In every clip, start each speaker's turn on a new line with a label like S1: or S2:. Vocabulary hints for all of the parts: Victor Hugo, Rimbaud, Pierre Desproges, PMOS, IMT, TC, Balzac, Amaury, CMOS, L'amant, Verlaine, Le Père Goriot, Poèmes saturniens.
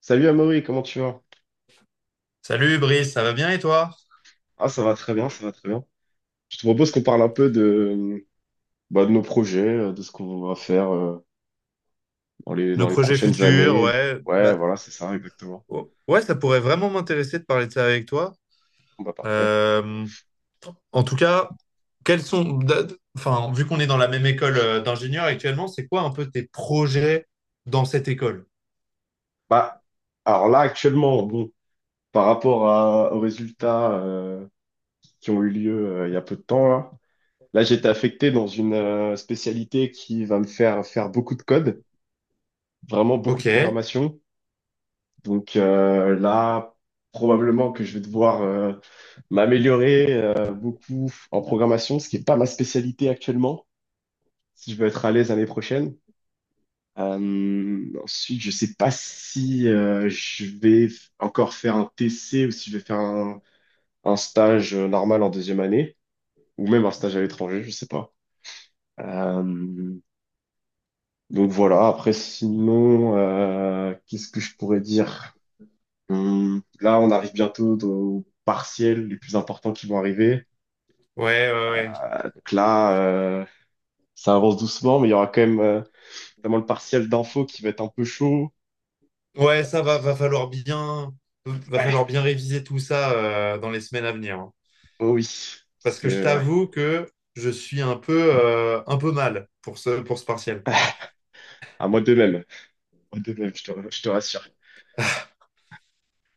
S1: Salut Amaury, comment tu vas?
S2: Salut Brice, ça va bien et toi?
S1: Ah, ça va très bien, ça va très bien. Je te propose qu'on parle un peu de, bah, de nos projets, de ce qu'on va faire dans les,
S2: Nos
S1: dans les
S2: projets
S1: prochaines
S2: futurs,
S1: années.
S2: ouais,
S1: Ouais,
S2: bah,
S1: voilà, c'est ça, exactement.
S2: ouais, ça pourrait vraiment m'intéresser de parler de ça avec toi.
S1: Bon, bah, parfait.
S2: Euh, En tout cas, quels sont, enfin, vu qu'on est dans la même école d'ingénieurs actuellement, c'est quoi un peu tes projets dans cette école?
S1: Bah, alors là, actuellement, bon, par rapport aux résultats qui ont eu lieu il y a peu de temps, là, j'ai été affecté dans une spécialité qui va me faire faire beaucoup de code, vraiment beaucoup
S2: Ok,
S1: de
S2: ouais,
S1: programmation. Donc là, probablement que je vais devoir m'améliorer beaucoup en programmation, ce qui n'est pas ma spécialité actuellement, si je veux être à l'aise l'année prochaine. Ensuite, je sais pas si je vais encore faire un TC ou si je vais faire un stage normal en deuxième année, ou même un stage à l'étranger, je sais pas. Euh, donc voilà, après sinon, qu'est-ce que je pourrais dire? Là, on arrive bientôt aux partiels les plus importants qui vont arriver.
S2: ouais, ouais,
S1: Donc là, ça avance doucement, mais il y aura quand même notamment le partiel d'info qui va être un peu chaud.
S2: ouais, ça va, va
S1: Ouais,
S2: falloir bien réviser tout ça dans les semaines à venir, hein.
S1: oh oui, parce
S2: Parce que je
S1: que ouais.
S2: t'avoue que je suis un peu mal pour pour ce partiel.
S1: À moi de même, à moi de même, je te rassure.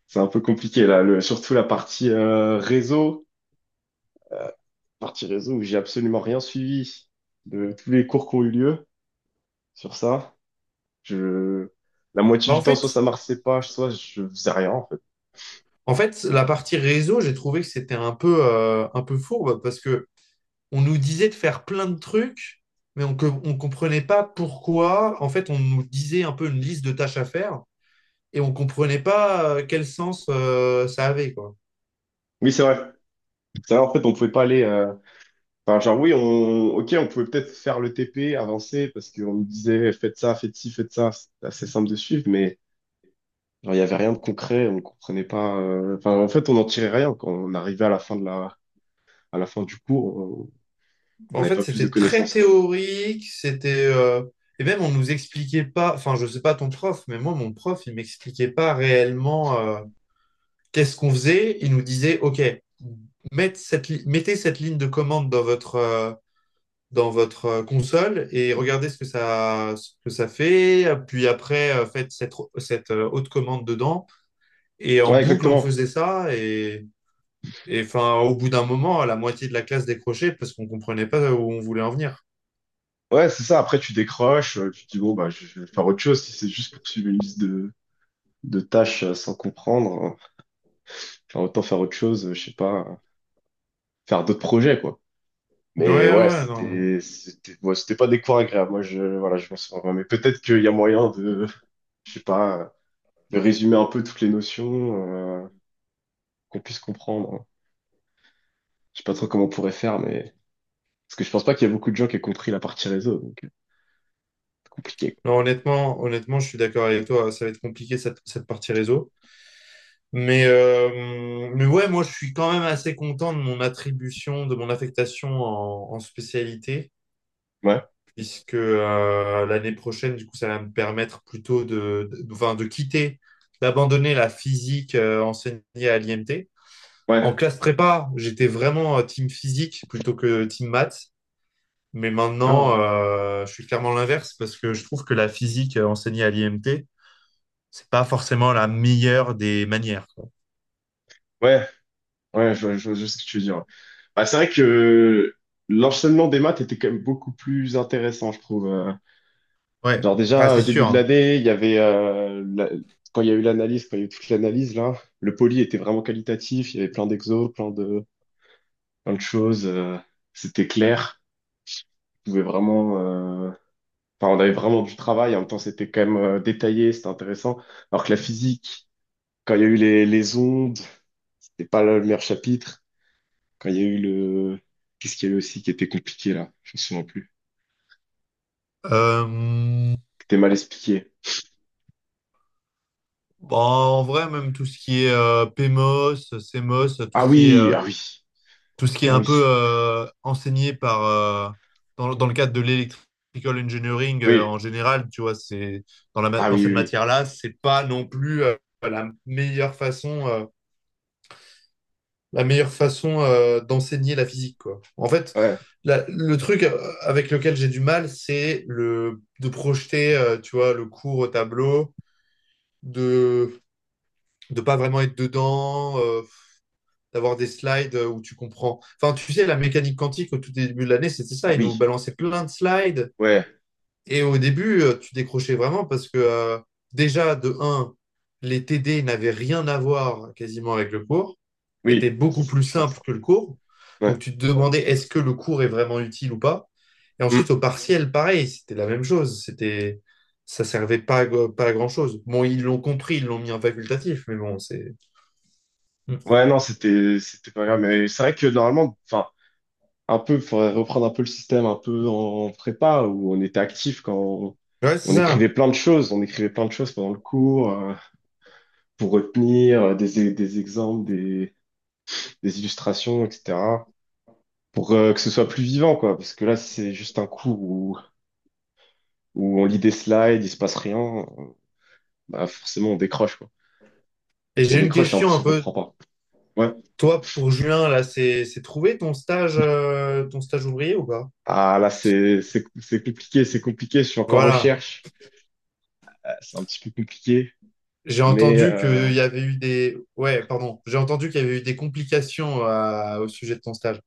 S1: C'est un peu compliqué là, surtout la partie réseau, partie réseau où j'ai absolument rien suivi de tous les cours qui ont eu lieu sur ça. Je, la moitié
S2: Bah en
S1: du temps, soit
S2: fait,
S1: ça marchait pas, soit je faisais rien en fait.
S2: En fait, la partie réseau, j'ai trouvé que c'était un peu fourbe parce que on nous disait de faire plein de trucs, mais on ne comprenait pas pourquoi. En fait, on nous disait un peu une liste de tâches à faire et on ne comprenait pas quel sens ça avait, quoi.
S1: Oui, c'est vrai. Ça, en fait, on pouvait pas aller. Enfin, genre, oui, ok, on pouvait peut-être faire le TP, avancer, parce qu'on nous disait faites ça, faites ci, faites ça. C'était assez simple de suivre, mais genre, il y avait rien de concret, on comprenait pas. Enfin, en fait, on n'en tirait rien quand on arrivait à la fin du cours, on
S2: En
S1: n'avait
S2: fait,
S1: pas plus de
S2: c'était très
S1: connaissances, quoi.
S2: théorique, c'était et même on nous expliquait pas. Enfin, je sais pas ton prof, mais moi, mon prof, il m'expliquait pas réellement qu'est-ce qu'on faisait. Il nous disait, OK, mettez cette ligne de commande dans votre console et regardez ce que ça fait. Puis après, faites cette haute commande dedans. Et en
S1: Ouais,
S2: boucle, on
S1: exactement.
S2: faisait ça. Et enfin, au bout d'un moment, la moitié de la classe décrochait parce qu'on comprenait pas où on voulait en venir.
S1: Ouais, c'est ça. Après, tu décroches, tu te dis bon, bah, je vais faire autre chose. Si c'est juste pour suivre une liste de tâches sans comprendre, enfin, autant faire autre chose, je sais pas, faire d'autres projets, quoi.
S2: Ouais,
S1: Mais
S2: ouais,
S1: ouais,
S2: ouais, non.
S1: ouais, c'était pas des cours agréables. Moi, je, voilà, je m'en souviens pas. Mais peut-être qu'il y a moyen de, je sais pas, de résumer un peu toutes les notions, qu'on puisse comprendre. Je sais pas trop comment on pourrait faire, mais, parce que je pense pas qu'il y a beaucoup de gens qui aient compris la partie réseau, donc, c'est compliqué.
S2: Non, honnêtement, honnêtement, je suis d'accord avec toi. Ça va être compliqué cette, cette partie réseau. Mais ouais, moi, je suis quand même assez content de mon attribution, de mon affectation en, en spécialité.
S1: Ouais,
S2: Puisque l'année prochaine, du coup, ça va me permettre plutôt de, enfin, de quitter, d'abandonner la physique enseignée à l'IMT. En
S1: ouais.
S2: classe prépa, j'étais vraiment team physique plutôt que team maths, mais
S1: Ah,
S2: maintenant, je suis clairement l'inverse parce que je trouve que la physique enseignée à l'IMT, c'est pas forcément la meilleure des manières, quoi.
S1: ouais, ouais, je sais ce que tu veux dire. Bah, c'est vrai que l'enchaînement des maths était quand même beaucoup plus intéressant, je trouve.
S2: Ouais,
S1: Genre
S2: ah,
S1: déjà,
S2: c'est
S1: début
S2: sûr,
S1: de
S2: hein.
S1: l'année, il y avait quand il y a eu l'analyse, quand il y a eu toute l'analyse là, le poly était vraiment qualitatif, il y avait plein d'exos, plein de choses, c'était clair, on pouvait vraiment euh, enfin on avait vraiment du travail, en même temps c'était quand même détaillé, c'était intéressant. Alors que la physique, quand il y a eu les ondes, c'était pas le meilleur chapitre. Quand il y a eu le Qu'est-ce qu'il y a eu aussi qui était compliqué là, je me souviens plus.
S2: Euh,
S1: Qui était mal expliqué.
S2: bon, en vrai, même tout ce qui est PMOS, CMOS, tout
S1: Ah
S2: ce qui est
S1: oui, ah oui,
S2: tout ce qui est
S1: ah
S2: un
S1: oui.
S2: peu enseigné par, dans, dans le cadre de l'electrical engineering
S1: Oui,
S2: en général, tu vois, c'est, dans, la,
S1: ah
S2: dans
S1: oui,
S2: cette
S1: oui, oui.
S2: matière-là, c'est pas non plus la meilleure façon, euh, la meilleure façon d'enseigner la physique, quoi. En fait,
S1: Ouais.
S2: le truc avec lequel j'ai du mal, c'est le, de projeter, tu vois, le cours au tableau, de ne pas vraiment être dedans. D'avoir des slides où tu comprends. Enfin, tu sais, la mécanique quantique au tout début de l'année, c'était ça.
S1: Ah
S2: Ils nous
S1: oui,
S2: balançaient plein de slides.
S1: ouais,
S2: Et au début, tu décrochais vraiment parce que déjà, de un, les TD n'avaient rien à voir quasiment avec le cours, étaient
S1: oui,
S2: beaucoup plus
S1: je pense.
S2: simples que le cours.
S1: Ouais.
S2: Donc tu te demandais est-ce que le cours est vraiment utile ou pas. Et ensuite,
S1: Hmm.
S2: au partiel, pareil, c'était la même chose. C'était… Ça servait pas à, pas à grand-chose. Bon, ils l'ont compris, ils l'ont mis en facultatif, mais bon, c'est… Mm.
S1: Ouais, non, c'était pas grave, mais c'est vrai que normalement, enfin, un peu, faudrait reprendre un peu le système un peu en prépa où on était actif quand on,
S2: Ouais, c'est
S1: on écrivait
S2: ça.
S1: plein de choses, on écrivait plein de choses pendant le cours pour retenir des des exemples, des illustrations, etc. pour que ce soit plus vivant, quoi. Parce que là, si c'est juste un cours où on lit des slides, il se passe rien, bah forcément on décroche, quoi.
S2: Et
S1: On
S2: j'ai une
S1: décroche et en
S2: question un
S1: plus on
S2: peu.
S1: comprend pas. Ouais.
S2: Toi, pour juin, là, c'est trouvé ton stage ouvrier ou pas?
S1: Ah là, c'est compliqué, c'est compliqué. Je suis encore en
S2: Voilà.
S1: recherche. Ah, c'est un petit peu compliqué.
S2: J'ai
S1: Mais
S2: entendu qu'il y avait eu des… Ouais, pardon. J'ai entendu qu'il y avait eu des complications au sujet de ton stage.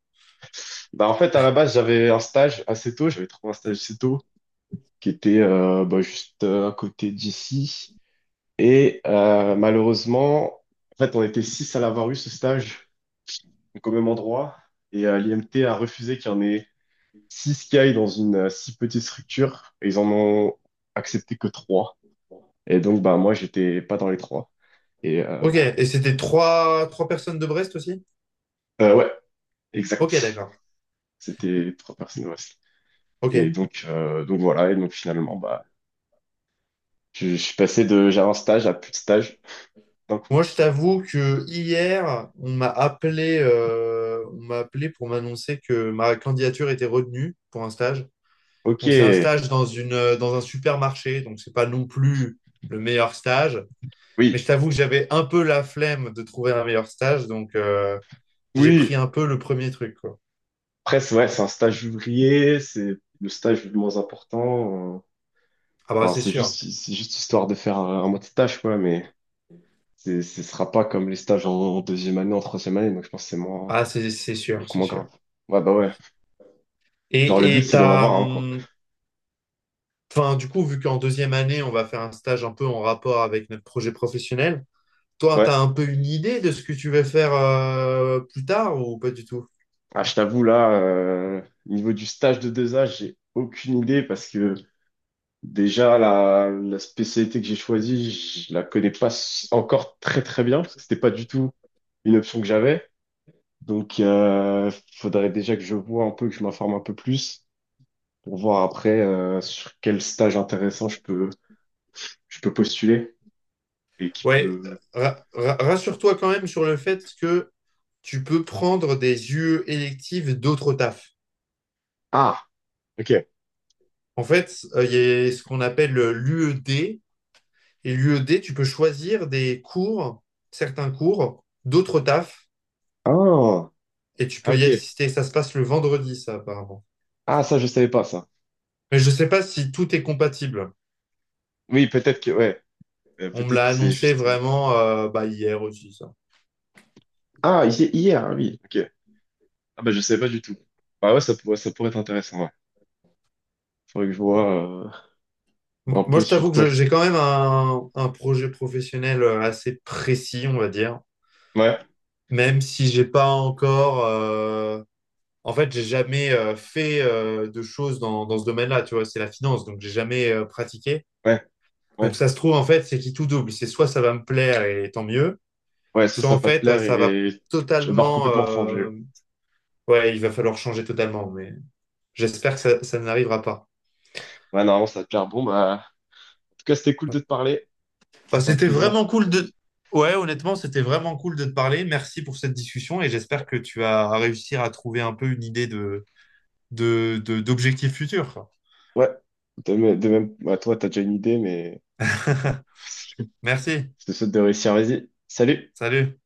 S1: bah en fait, à la base, j'avais un stage assez tôt. J'avais trouvé un stage assez tôt qui était bah, juste à côté d'ici. Et malheureusement, en fait, on était six à l'avoir eu ce stage, donc au même endroit. Et l'IMT a refusé qu'il y en ait six qui aillent dans une si petite structure. Et ils en ont accepté que trois. Et donc, bah moi, j'étais pas dans les trois. Et
S2: Ok.
S1: bah,
S2: Et c'était trois, trois personnes de Brest aussi?
S1: ouais,
S2: Ok,
S1: exact.
S2: d'accord.
S1: C'était trois personnes au wrestling. Et
S2: Ok.
S1: donc voilà, et donc finalement, bah, je suis passé de j'avais un stage à plus de stage d'un coup.
S2: Moi, je t'avoue que hier, on m'a appelé pour m'annoncer que ma candidature était retenue pour un stage.
S1: Ok,
S2: Donc, c'est un stage dans une, dans un supermarché. Donc, c'est pas non plus le meilleur stage. Mais
S1: oui,
S2: je t'avoue que j'avais un peu la flemme de trouver un meilleur stage. Donc, j'ai pris
S1: oui,
S2: un peu le premier truc, quoi.
S1: presque, ouais, c'est un stage ouvrier, c'est le stage le moins important.
S2: Ah, bah,
S1: Enfin,
S2: c'est
S1: c'est
S2: sûr.
S1: juste, c'est juste histoire de faire un mois de stage, quoi, mais ce sera pas comme les stages en, deuxième année, en troisième année, donc je pense que c'est moins,
S2: Ah, c'est sûr,
S1: beaucoup
S2: c'est
S1: moins
S2: sûr.
S1: grave. Ouais, bah ouais. Genre, le but,
S2: Et
S1: c'est d'en
S2: t'as,
S1: avoir un, quoi.
S2: enfin, du coup, vu qu'en deuxième année, on va faire un stage un peu en rapport avec notre projet professionnel, toi,
S1: Ouais.
S2: t'as un peu une idée de ce que tu veux faire plus tard ou pas du tout?
S1: Ah, je t'avoue, là, niveau du stage de deux a j'ai aucune idée parce que déjà, la spécialité que j'ai choisie, je la connais pas encore très très bien, parce que c'était pas du tout une option que j'avais. Donc, faudrait déjà que je vois un peu, que je m'informe un peu plus, pour voir après sur quel stage intéressant je peux, postuler et qui
S2: Ouais,
S1: peut.
S2: rassure-toi quand même sur le fait que tu peux prendre des UE électives d'autres tafs.
S1: Ah, ok.
S2: En fait, il y a ce qu'on appelle l'UED. Et l'UED, tu peux choisir des cours, certains cours, d'autres tafs,
S1: Ah,
S2: et tu
S1: ah,
S2: peux y
S1: ok.
S2: assister. Ça se passe le vendredi, ça, apparemment.
S1: Ah, ça, je savais pas ça.
S2: Mais je ne sais pas si tout est compatible.
S1: Oui, peut-être que, ouais.
S2: On me
S1: Peut-être que
S2: l'a
S1: c'est
S2: annoncé
S1: juste.
S2: vraiment bah, hier aussi, ça.
S1: Ah, hier, oui. Ok. Ah bah je savais pas du tout. Bah ouais, ça pourrait être intéressant. Ouais. Faudrait que je vois. Un peu
S2: Je t'avoue
S1: sur
S2: que
S1: quoi je...
S2: j'ai quand même un projet professionnel assez précis, on va dire.
S1: Ouais,
S2: Même si j'ai pas encore en fait, j'ai jamais fait de choses dans, dans ce domaine-là, tu vois, c'est la finance, donc j'ai jamais pratiqué.
S1: ouais, ouais.
S2: Donc ça se trouve, en fait, c'est qui tout double. C'est soit ça va me plaire et tant mieux,
S1: Ouais, ça,
S2: soit
S1: ça
S2: en
S1: va pas te
S2: fait,
S1: plaire
S2: ça va
S1: et je barre
S2: totalement…
S1: complètement fangé.
S2: Ouais, il va falloir changer totalement, mais j'espère que ça n'arrivera pas.
S1: Ouais, normalement, ça va te plaire. Bon, bah, en tout cas, c'était cool de te parler.
S2: Enfin,
S1: C'était un
S2: c'était
S1: plaisir.
S2: vraiment cool de… Ouais, honnêtement, c'était vraiment cool de te parler. Merci pour cette discussion et j'espère que tu vas réussir à trouver un peu une idée de, d'objectifs futurs, quoi.
S1: Ouais, de même, de même. Bah, toi, t'as déjà une idée, mais
S2: Merci.
S1: je te souhaite de réussir. Vas-y, salut!
S2: Salut.